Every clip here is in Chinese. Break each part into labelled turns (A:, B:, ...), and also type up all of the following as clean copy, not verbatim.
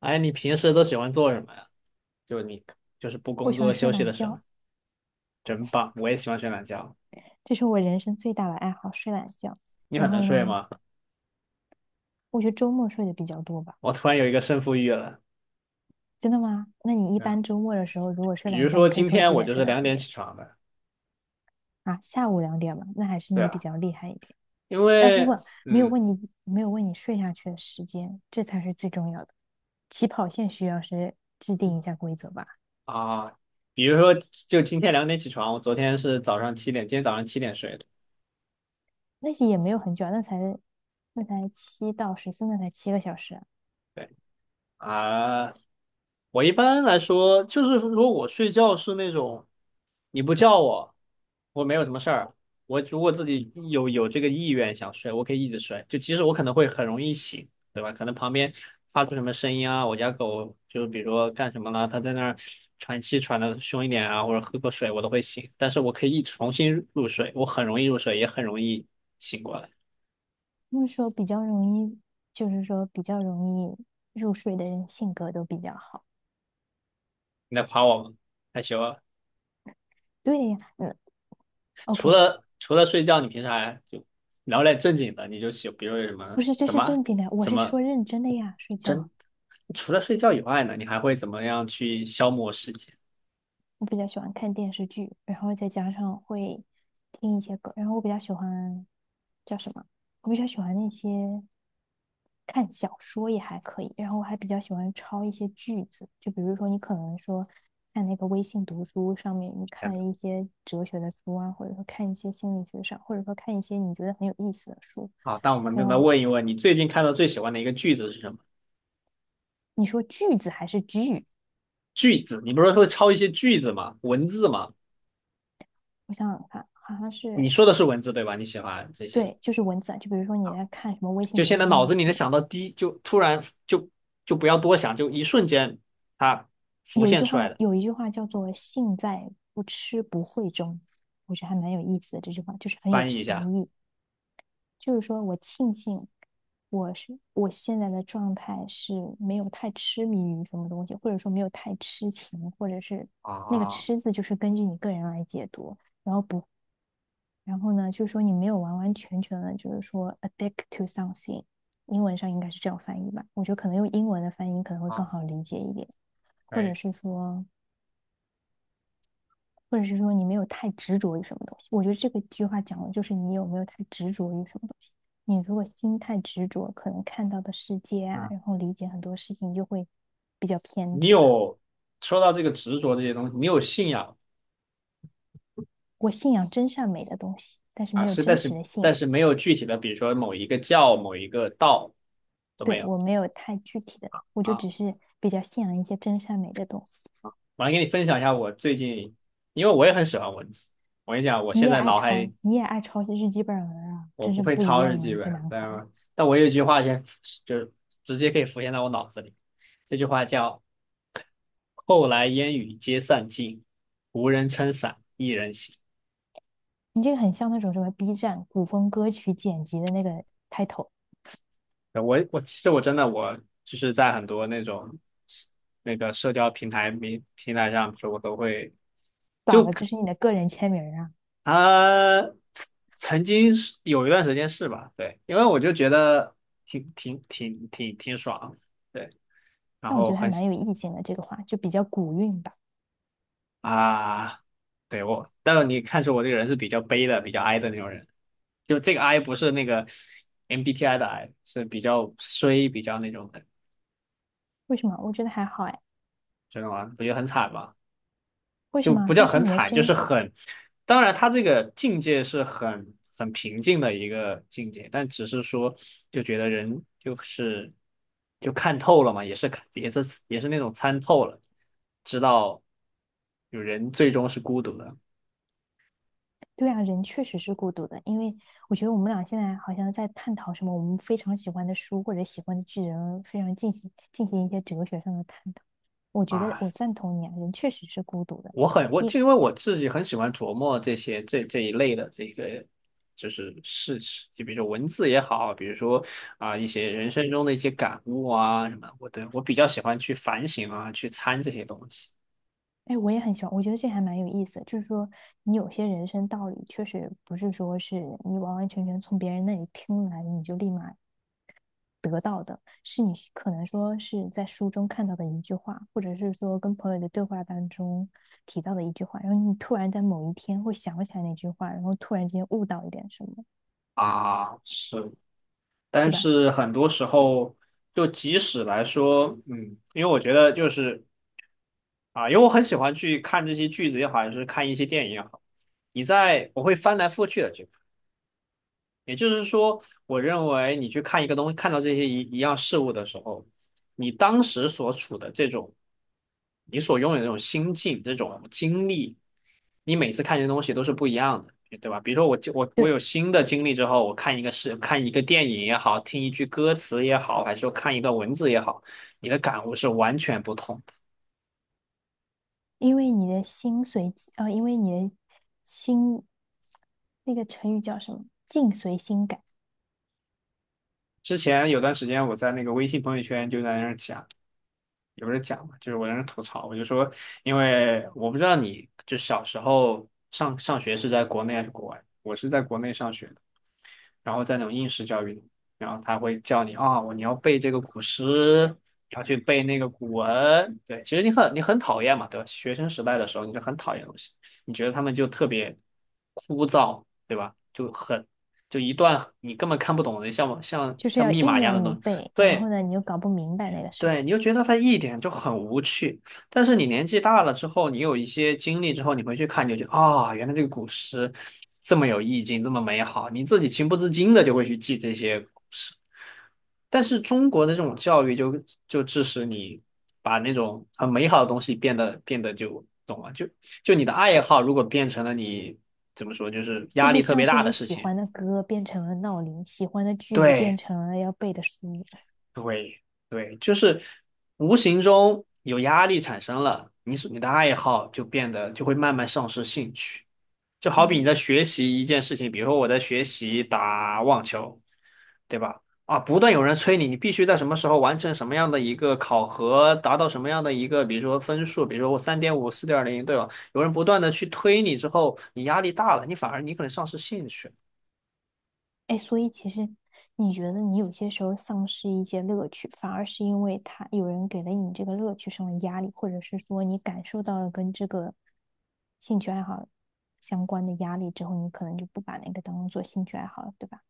A: 哎，你平时都喜欢做什么呀？就你就是不
B: 我
A: 工
B: 喜欢
A: 作
B: 睡
A: 休息
B: 懒
A: 的时候，
B: 觉，
A: 真棒！我也喜欢睡懒觉。
B: 这是我人生最大的爱好，睡懒觉。
A: 你
B: 然
A: 很能
B: 后
A: 睡
B: 呢，
A: 吗？
B: 我觉得周末睡的比较多吧。
A: 我突然有一个胜负欲了。
B: 真的吗？那你一
A: 嗯，
B: 般周末的时候，如果睡
A: 比
B: 懒
A: 如
B: 觉，你
A: 说
B: 可以
A: 今
B: 从
A: 天
B: 几
A: 我
B: 点
A: 就
B: 睡
A: 是
B: 到
A: 两
B: 几
A: 点
B: 点？
A: 起床的。
B: 啊？下午两点吧，那还是
A: 对
B: 你比
A: 啊，
B: 较厉害一点。
A: 因
B: 但不
A: 为
B: 过没有
A: 嗯
B: 问你，没有问你睡下去的时间，这才是最重要的。起跑线需要是制定一下规则吧。
A: 啊，比如说就今天两点起床，我昨天是早上七点，今天早上七点睡的。
B: 那些也没有很久啊，那才7到14，那才7个小时啊。
A: 对啊，我一般来说就是如果我睡觉是那种。你不叫我，我没有什么事儿。我如果自己有这个意愿想睡，我可以一直睡，就即使我可能会很容易醒，对吧？可能旁边发出什么声音啊，我家狗就是比如说干什么了，它在那儿喘气喘的凶一点啊，或者喝个水，我都会醒。但是我可以一重新入睡，我很容易入睡，也很容易醒过来。
B: 不是说比较容易，就是说比较容易入睡的人性格都比较好。
A: 你在夸我吗？害羞啊！
B: 对呀，嗯
A: 除
B: ，OK，
A: 了除了睡觉，你平时还就聊点正经的，你就喜，比如有什
B: 不
A: 么
B: 是，这
A: 怎
B: 是
A: 么
B: 正经的，我
A: 怎
B: 是
A: 么。
B: 说认真的呀，睡
A: 真。
B: 觉。
A: 除了睡觉以外呢，你还会怎么样去消磨时间？
B: 我比较喜欢看电视剧，然后再加上会听一些歌，然后我比较喜欢叫什么？我比较喜欢那些看小说也还可以，然后我还比较喜欢抄一些句子，就比如说你可能说看那个微信读书上面，你
A: 哎
B: 看一些哲学的书啊，或者说看一些心理学上，或者说看一些你觉得很有意思的书，
A: 好，那我们再
B: 然
A: 来
B: 后
A: 问一问，你最近看到最喜欢的一个句子是什么？
B: 你说句子还是句？
A: 句子，你不是会抄一些句子吗？文字吗？
B: 我想想看，好像
A: 你
B: 是
A: 说的是文字对吧？你喜欢这些，
B: 对，就是文字啊，就比如说你在看什么微信
A: 就
B: 读
A: 现
B: 书
A: 在
B: 上
A: 脑
B: 的
A: 子里能
B: 书，
A: 想到第一就突然就就不要多想，就一瞬间它浮
B: 有一
A: 现
B: 句
A: 出
B: 话，
A: 来的，
B: 有一句话叫做“性在不吃不会中”，我觉得还蛮有意思的。这句话就是很有
A: 翻译一
B: 禅
A: 下。
B: 意，就是说我庆幸我现在的状态是没有太痴迷于什么东西，或者说没有太痴情，或者是
A: 啊，
B: 那个
A: 啊
B: “痴”字就是根据你个人来解读，然后不，然后呢，就是说你没有完完全全的，就是说 addict to something，英文上应该是这样翻译吧？我觉得可能用英文的翻译可能会更
A: 好，
B: 好理解一点，
A: 可
B: 或者
A: 以。
B: 是说。或者是说你没有太执着于什么东西。我觉得这个句话讲的就是你有没有太执着于什么东西。你如果心太执着，可能看到的世界啊，
A: 啊，
B: 然后理解很多事情就会比较偏
A: 你
B: 执吧。
A: 有说到这个执着这些东西，你有信仰
B: 我信仰真善美的东西，但是
A: 啊，
B: 没有
A: 是，但
B: 真实
A: 是
B: 的信仰。
A: 没有具体的，比如说某一个教、某一个道都没
B: 对，
A: 有
B: 我没有太具体的，我就只
A: 啊。
B: 是比较信仰一些真善美的东西。
A: 我来给你分享一下我最近，因为我也很喜欢文字。我跟你讲，我
B: 你
A: 现
B: 也
A: 在
B: 爱
A: 脑海
B: 抄，你也爱抄些日记本儿啊，
A: 我
B: 真
A: 不
B: 是
A: 会
B: 不一
A: 抄日
B: 样啊，
A: 记
B: 这
A: 本，
B: 男孩
A: 但我有一句话先就是直接可以浮现在我脑子里，这句话叫“后来烟雨皆散尽，无人撑伞一人行”。
B: 你这个很像那种什么 B 站古风歌曲剪辑的那个 title。
A: 我其实我真的就是在很多那种那个社交平台上，比如说我都会。
B: 咋
A: 就
B: 了这是你的个人签名啊。
A: 啊，曾经是有一段时间是吧？对，因为我就觉得挺爽，对，然
B: 但我觉
A: 后
B: 得还
A: 很
B: 蛮
A: 喜
B: 有意境的，这个话就比较古韵吧。
A: 啊，对我，但是你看出我这个人是比较悲的、比较哀的那种人，就这个哀不是那个 MBTI 的哀，是比较衰、比较那种的，
B: 为什么？我觉得还好哎。
A: 知道吗？不就很惨吗？
B: 为什
A: 就
B: 么？
A: 不叫
B: 但是
A: 很
B: 你的
A: 惨，
B: 声
A: 就是
B: 音，
A: 很，当然他这个境界是很平静的一个境界，但只是说就觉得人就是就看透了嘛，也是看也是也是那种参透了，知道有人最终是孤独的
B: 对啊，人确实是孤独的，因为我觉得我们俩现在好像在探讨什么我们非常喜欢的书或者喜欢的剧，人非常进行一些哲学上的探讨。我觉得
A: 啊。
B: 我赞同你啊，人确实是孤独的。
A: 我
B: 你，
A: 就因为我自己很喜欢琢磨这些这一类的这个就是事情，就比如说文字也好，比如说啊、一些人生中的一些感悟啊什么，我比较喜欢去反省啊，去参这些东西
B: 哎，我也很喜欢，我觉得这还蛮有意思。就是说，你有些人生道理确实不是说是你完完全全从别人那里听来，你就立马得到的，是你可能说是在书中看到的一句话，或者是说跟朋友的对话当中提到的一句话，然后你突然在某一天会想起来那句话，然后突然间悟到一点什么，
A: 啊是，
B: 对
A: 但
B: 吧？
A: 是很多时候就即使来说，嗯，因为我觉得就是啊、因为我很喜欢去看这些句子也好，还是看一些电影也好，你在我会翻来覆去的去。也就是说，我认为你去看一个东西，看到这些一样事物的时候，你当时所处的这种，你所拥有的这种心境、这种经历，你每次看这些东西都是不一样的，对吧？比如说我
B: 对，
A: 有新的经历之后，我看一个是看一个电影也好，听一句歌词也好，还是说看一段文字也好，你的感悟是完全不同的。
B: 因为你的心随，啊，因为你的心，那个成语叫什么？境随心改，
A: 之前有段时间我在那个微信朋友圈就在那儿讲。也不是讲嘛，就是我在那吐槽，我就说，因为我不知道你就小时候上学是在国内还是国外，我是在国内上学的，然后在那种应试教育里，然后他会叫你啊，我、你要背这个古诗，要去背那个古文，对，其实你很讨厌嘛，对吧？学生时代的时候你就很讨厌东西，你觉得他们就特别枯燥，对吧？就很就一段你根本看不懂的，像像
B: 就是
A: 像
B: 要
A: 密
B: 硬
A: 码一样
B: 要
A: 的
B: 你
A: 东西，
B: 背，然后
A: 对。
B: 呢，你又搞不明白那个时
A: 对，
B: 候。
A: 你就觉得它一点就很无趣。但是你年纪大了之后，你有一些经历之后，你回去看，你就觉得啊、原来这个古诗这么有意境，这么美好，你自己情不自禁的就会去记这些古诗。但是中国的这种教育就就致使你把那种很美好的东西变得就懂了，就就你的爱好如果变成了你怎么说，就是
B: 这
A: 压
B: 就
A: 力特
B: 像
A: 别
B: 是
A: 大的
B: 你
A: 事
B: 喜
A: 情，
B: 欢的歌变成了闹铃，喜欢的句子变
A: 对，
B: 成了要背的书。
A: 对对，就是无形中有压力产生了，你所你的爱好就变得就会慢慢丧失兴趣。就好比你
B: 嗯，
A: 在学习一件事情，比如说我在学习打网球，对吧？啊，不断有人催你，你必须在什么时候完成什么样的一个考核，达到什么样的一个，比如说分数，比如说我三点五、四点零，对吧？有人不断的去推你之后，你压力大了，你反而你可能丧失兴趣
B: 哎，所以其实你觉得你有些时候丧失一些乐趣，反而是因为他有人给了你这个乐趣上的压力，或者是说你感受到了跟这个兴趣爱好相关的压力之后，你可能就不把那个当做兴趣爱好了，对吧？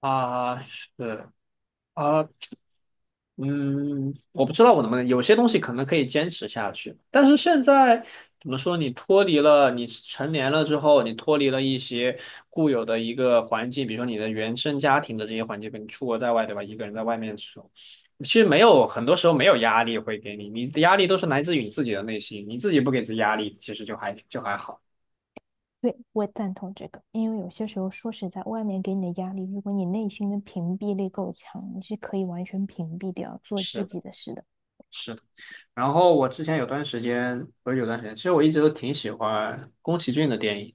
A: 啊，是啊，嗯，我不知道我能不能，有些东西可能可以坚持下去，但是现在怎么说，你脱离了，你成年了之后，你脱离了一些固有的一个环境，比如说你的原生家庭的这些环境，跟你出国在外，对吧？一个人在外面的时候，其实没有，很多时候没有压力会给你，你的压力都是来自于你自己的内心，你自己不给自己压力，其实就还好。
B: 对，我赞同这个，因为有些时候说实在，外面给你的压力，如果你内心的屏蔽力够强，你是可以完全屏蔽掉做
A: 是
B: 自
A: 的，
B: 己的事的。
A: 是的。然后我之前有段时间，不是有段时间，其实我一直都挺喜欢宫崎骏的电影。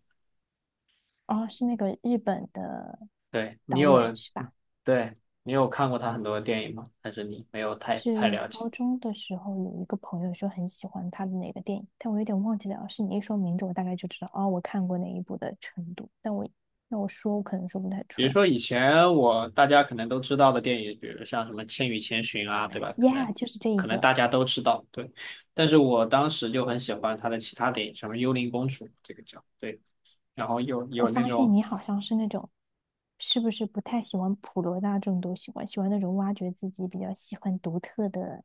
B: 哦，是那个日本的
A: 对，你
B: 导演
A: 有，
B: 是吧？
A: 对，你有看过他很多的电影吗？还是你没有太
B: 是
A: 了解？
B: 高中的时候有一个朋友说很喜欢他的哪个电影，但我有点忘记了。是你一说名字，我大概就知道哦，我看过哪一部的程度。但我那我说，我可能说不太
A: 比
B: 出
A: 如
B: 来。
A: 说以前我大家可能都知道的电影，比如像什么《千与千寻》啊，对吧？可能
B: Yeah，就是这一
A: 可能
B: 个。
A: 大家都知道，对。但是我当时就很喜欢他的其他电影，什么《幽灵公主》这个叫，对。然后有
B: 我
A: 有那
B: 发现
A: 种
B: 你好像是那种，是不是不太喜欢普罗大众都喜欢，喜欢那种挖掘自己比较喜欢独特的，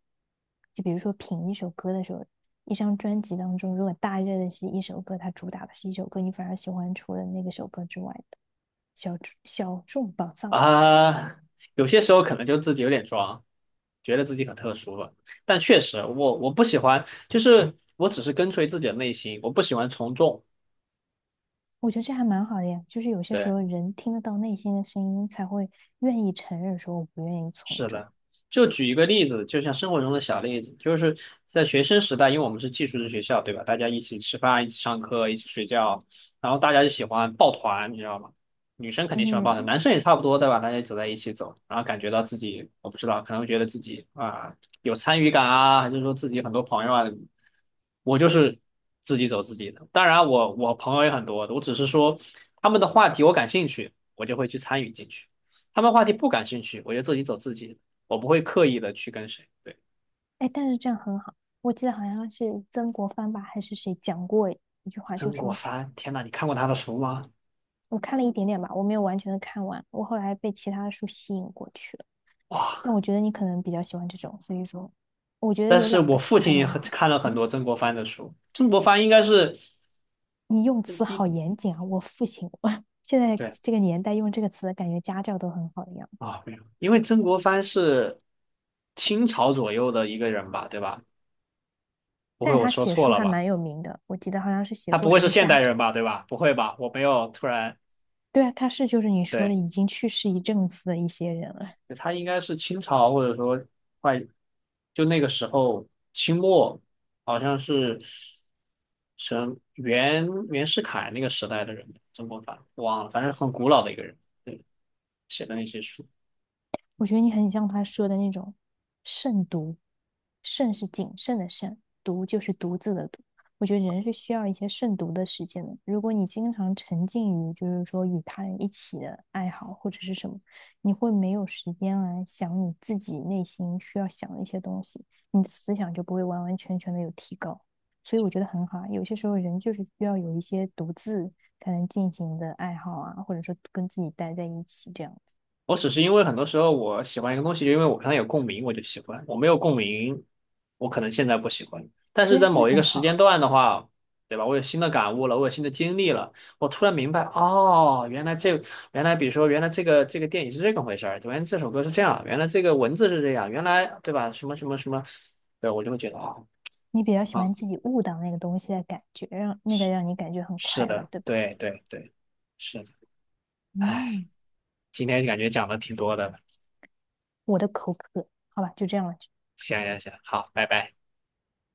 B: 就比如说品一首歌的时候，一张专辑当中，如果大热的是一首歌，它主打的是一首歌，你反而喜欢除了那个首歌之外的小众宝藏。
A: 啊、有些时候可能就自己有点装，觉得自己很特殊了。但确实我不喜欢，就是我只是跟随自己的内心，我不喜欢从众。
B: 我觉得这还蛮好的呀，就是有些时
A: 对。
B: 候人听得到内心的声音，才会愿意承认说我不愿意从
A: 是
B: 众。
A: 的，就举一个例子，就像生活中的小例子，就是在学生时代，因为我们是寄宿制学校，对吧？大家一起吃饭，一起上课，一起睡觉，然后大家就喜欢抱团，你知道吗？女生肯定喜欢抱
B: 嗯，
A: 团，男生也差不多，对吧？大家走在一起走，然后感觉到自己，我不知道，可能觉得自己啊有参与感啊，还是说自己很多朋友啊，我就是自己走自己的。当然我，我朋友也很多，我只是说他们的话题我感兴趣，我就会去参与进去。他们话题不感兴趣，我就自己走自己的我不会刻意的去跟谁。对，
B: 哎，但是这样很好。我记得好像是曾国藩吧，还是谁讲过一句话，
A: 曾
B: 就
A: 国
B: 说
A: 藩，天呐，你看过他的书吗？
B: 我看了一点点吧，我没有完全的看完，我后来被其他的书吸引过去了。但
A: 哇！
B: 我觉得你可能比较喜欢这种，所以说，我觉得
A: 但
B: 有
A: 是
B: 两个
A: 我父
B: 字还
A: 亲也
B: 蛮
A: 很
B: 好。
A: 看了很
B: 嗯，
A: 多曾国藩的书，曾国藩应该是
B: 你用词
A: 一
B: 好严谨啊，我父亲，我现在
A: 对
B: 这个年代用这个词，感觉家教都很好一样。
A: 啊，没有，因为曾国藩是清朝左右的一个人吧，对吧？不
B: 但
A: 会
B: 是
A: 我
B: 他
A: 说
B: 写
A: 错
B: 书
A: 了
B: 还
A: 吧？
B: 蛮有名的，我记得好像是写
A: 他不
B: 过
A: 会
B: 什
A: 是
B: 么
A: 现
B: 家，
A: 代人吧，对吧？不会吧？我没有突然
B: 对啊，他是就是你说的
A: 对。
B: 已经去世一阵子的一些人了。
A: 他应该是清朝或者说快就那个时候清末，好像是什袁世凯那个时代的人，曾国藩忘了，反正很古老的一个人写的那些书。
B: 我觉得你很像他说的那种慎独，慎是谨慎的慎，独就是独自的独。我觉得人是需要一些慎独的时间的。如果你经常沉浸于就是说与他人一起的爱好或者是什么，你会没有时间来想你自己内心需要想的一些东西，你的思想就不会完完全全的有提高。所以我觉得很好啊，有些时候人就是需要有一些独自才能进行的爱好啊，或者说跟自己待在一起这样子。
A: 我只是因为很多时候我喜欢一个东西，就因为我跟它有共鸣，我就喜欢；我没有共鸣，我可能现在不喜欢。但是
B: 对呀，
A: 在
B: 那
A: 某一个
B: 很
A: 时
B: 好。
A: 间段的话，对吧？我有新的感悟了，我有新的经历了，我突然明白，哦，原来这，原来比如说，原来这个电影是这个回事儿，原来这首歌是这样，原来这个文字是这样，原来对吧？什么什么什么，对，我就会觉得哦，
B: 你比较喜
A: 啊，
B: 欢自己悟到那个东西的感觉，让那个
A: 是
B: 让你感觉很
A: 是
B: 快乐，
A: 的，
B: 对吧？
A: 对对对，是的，哎，
B: 嗯，
A: 今天感觉讲的挺多的，
B: 我的口渴，好吧，就这样了。
A: 行行行，好，拜拜。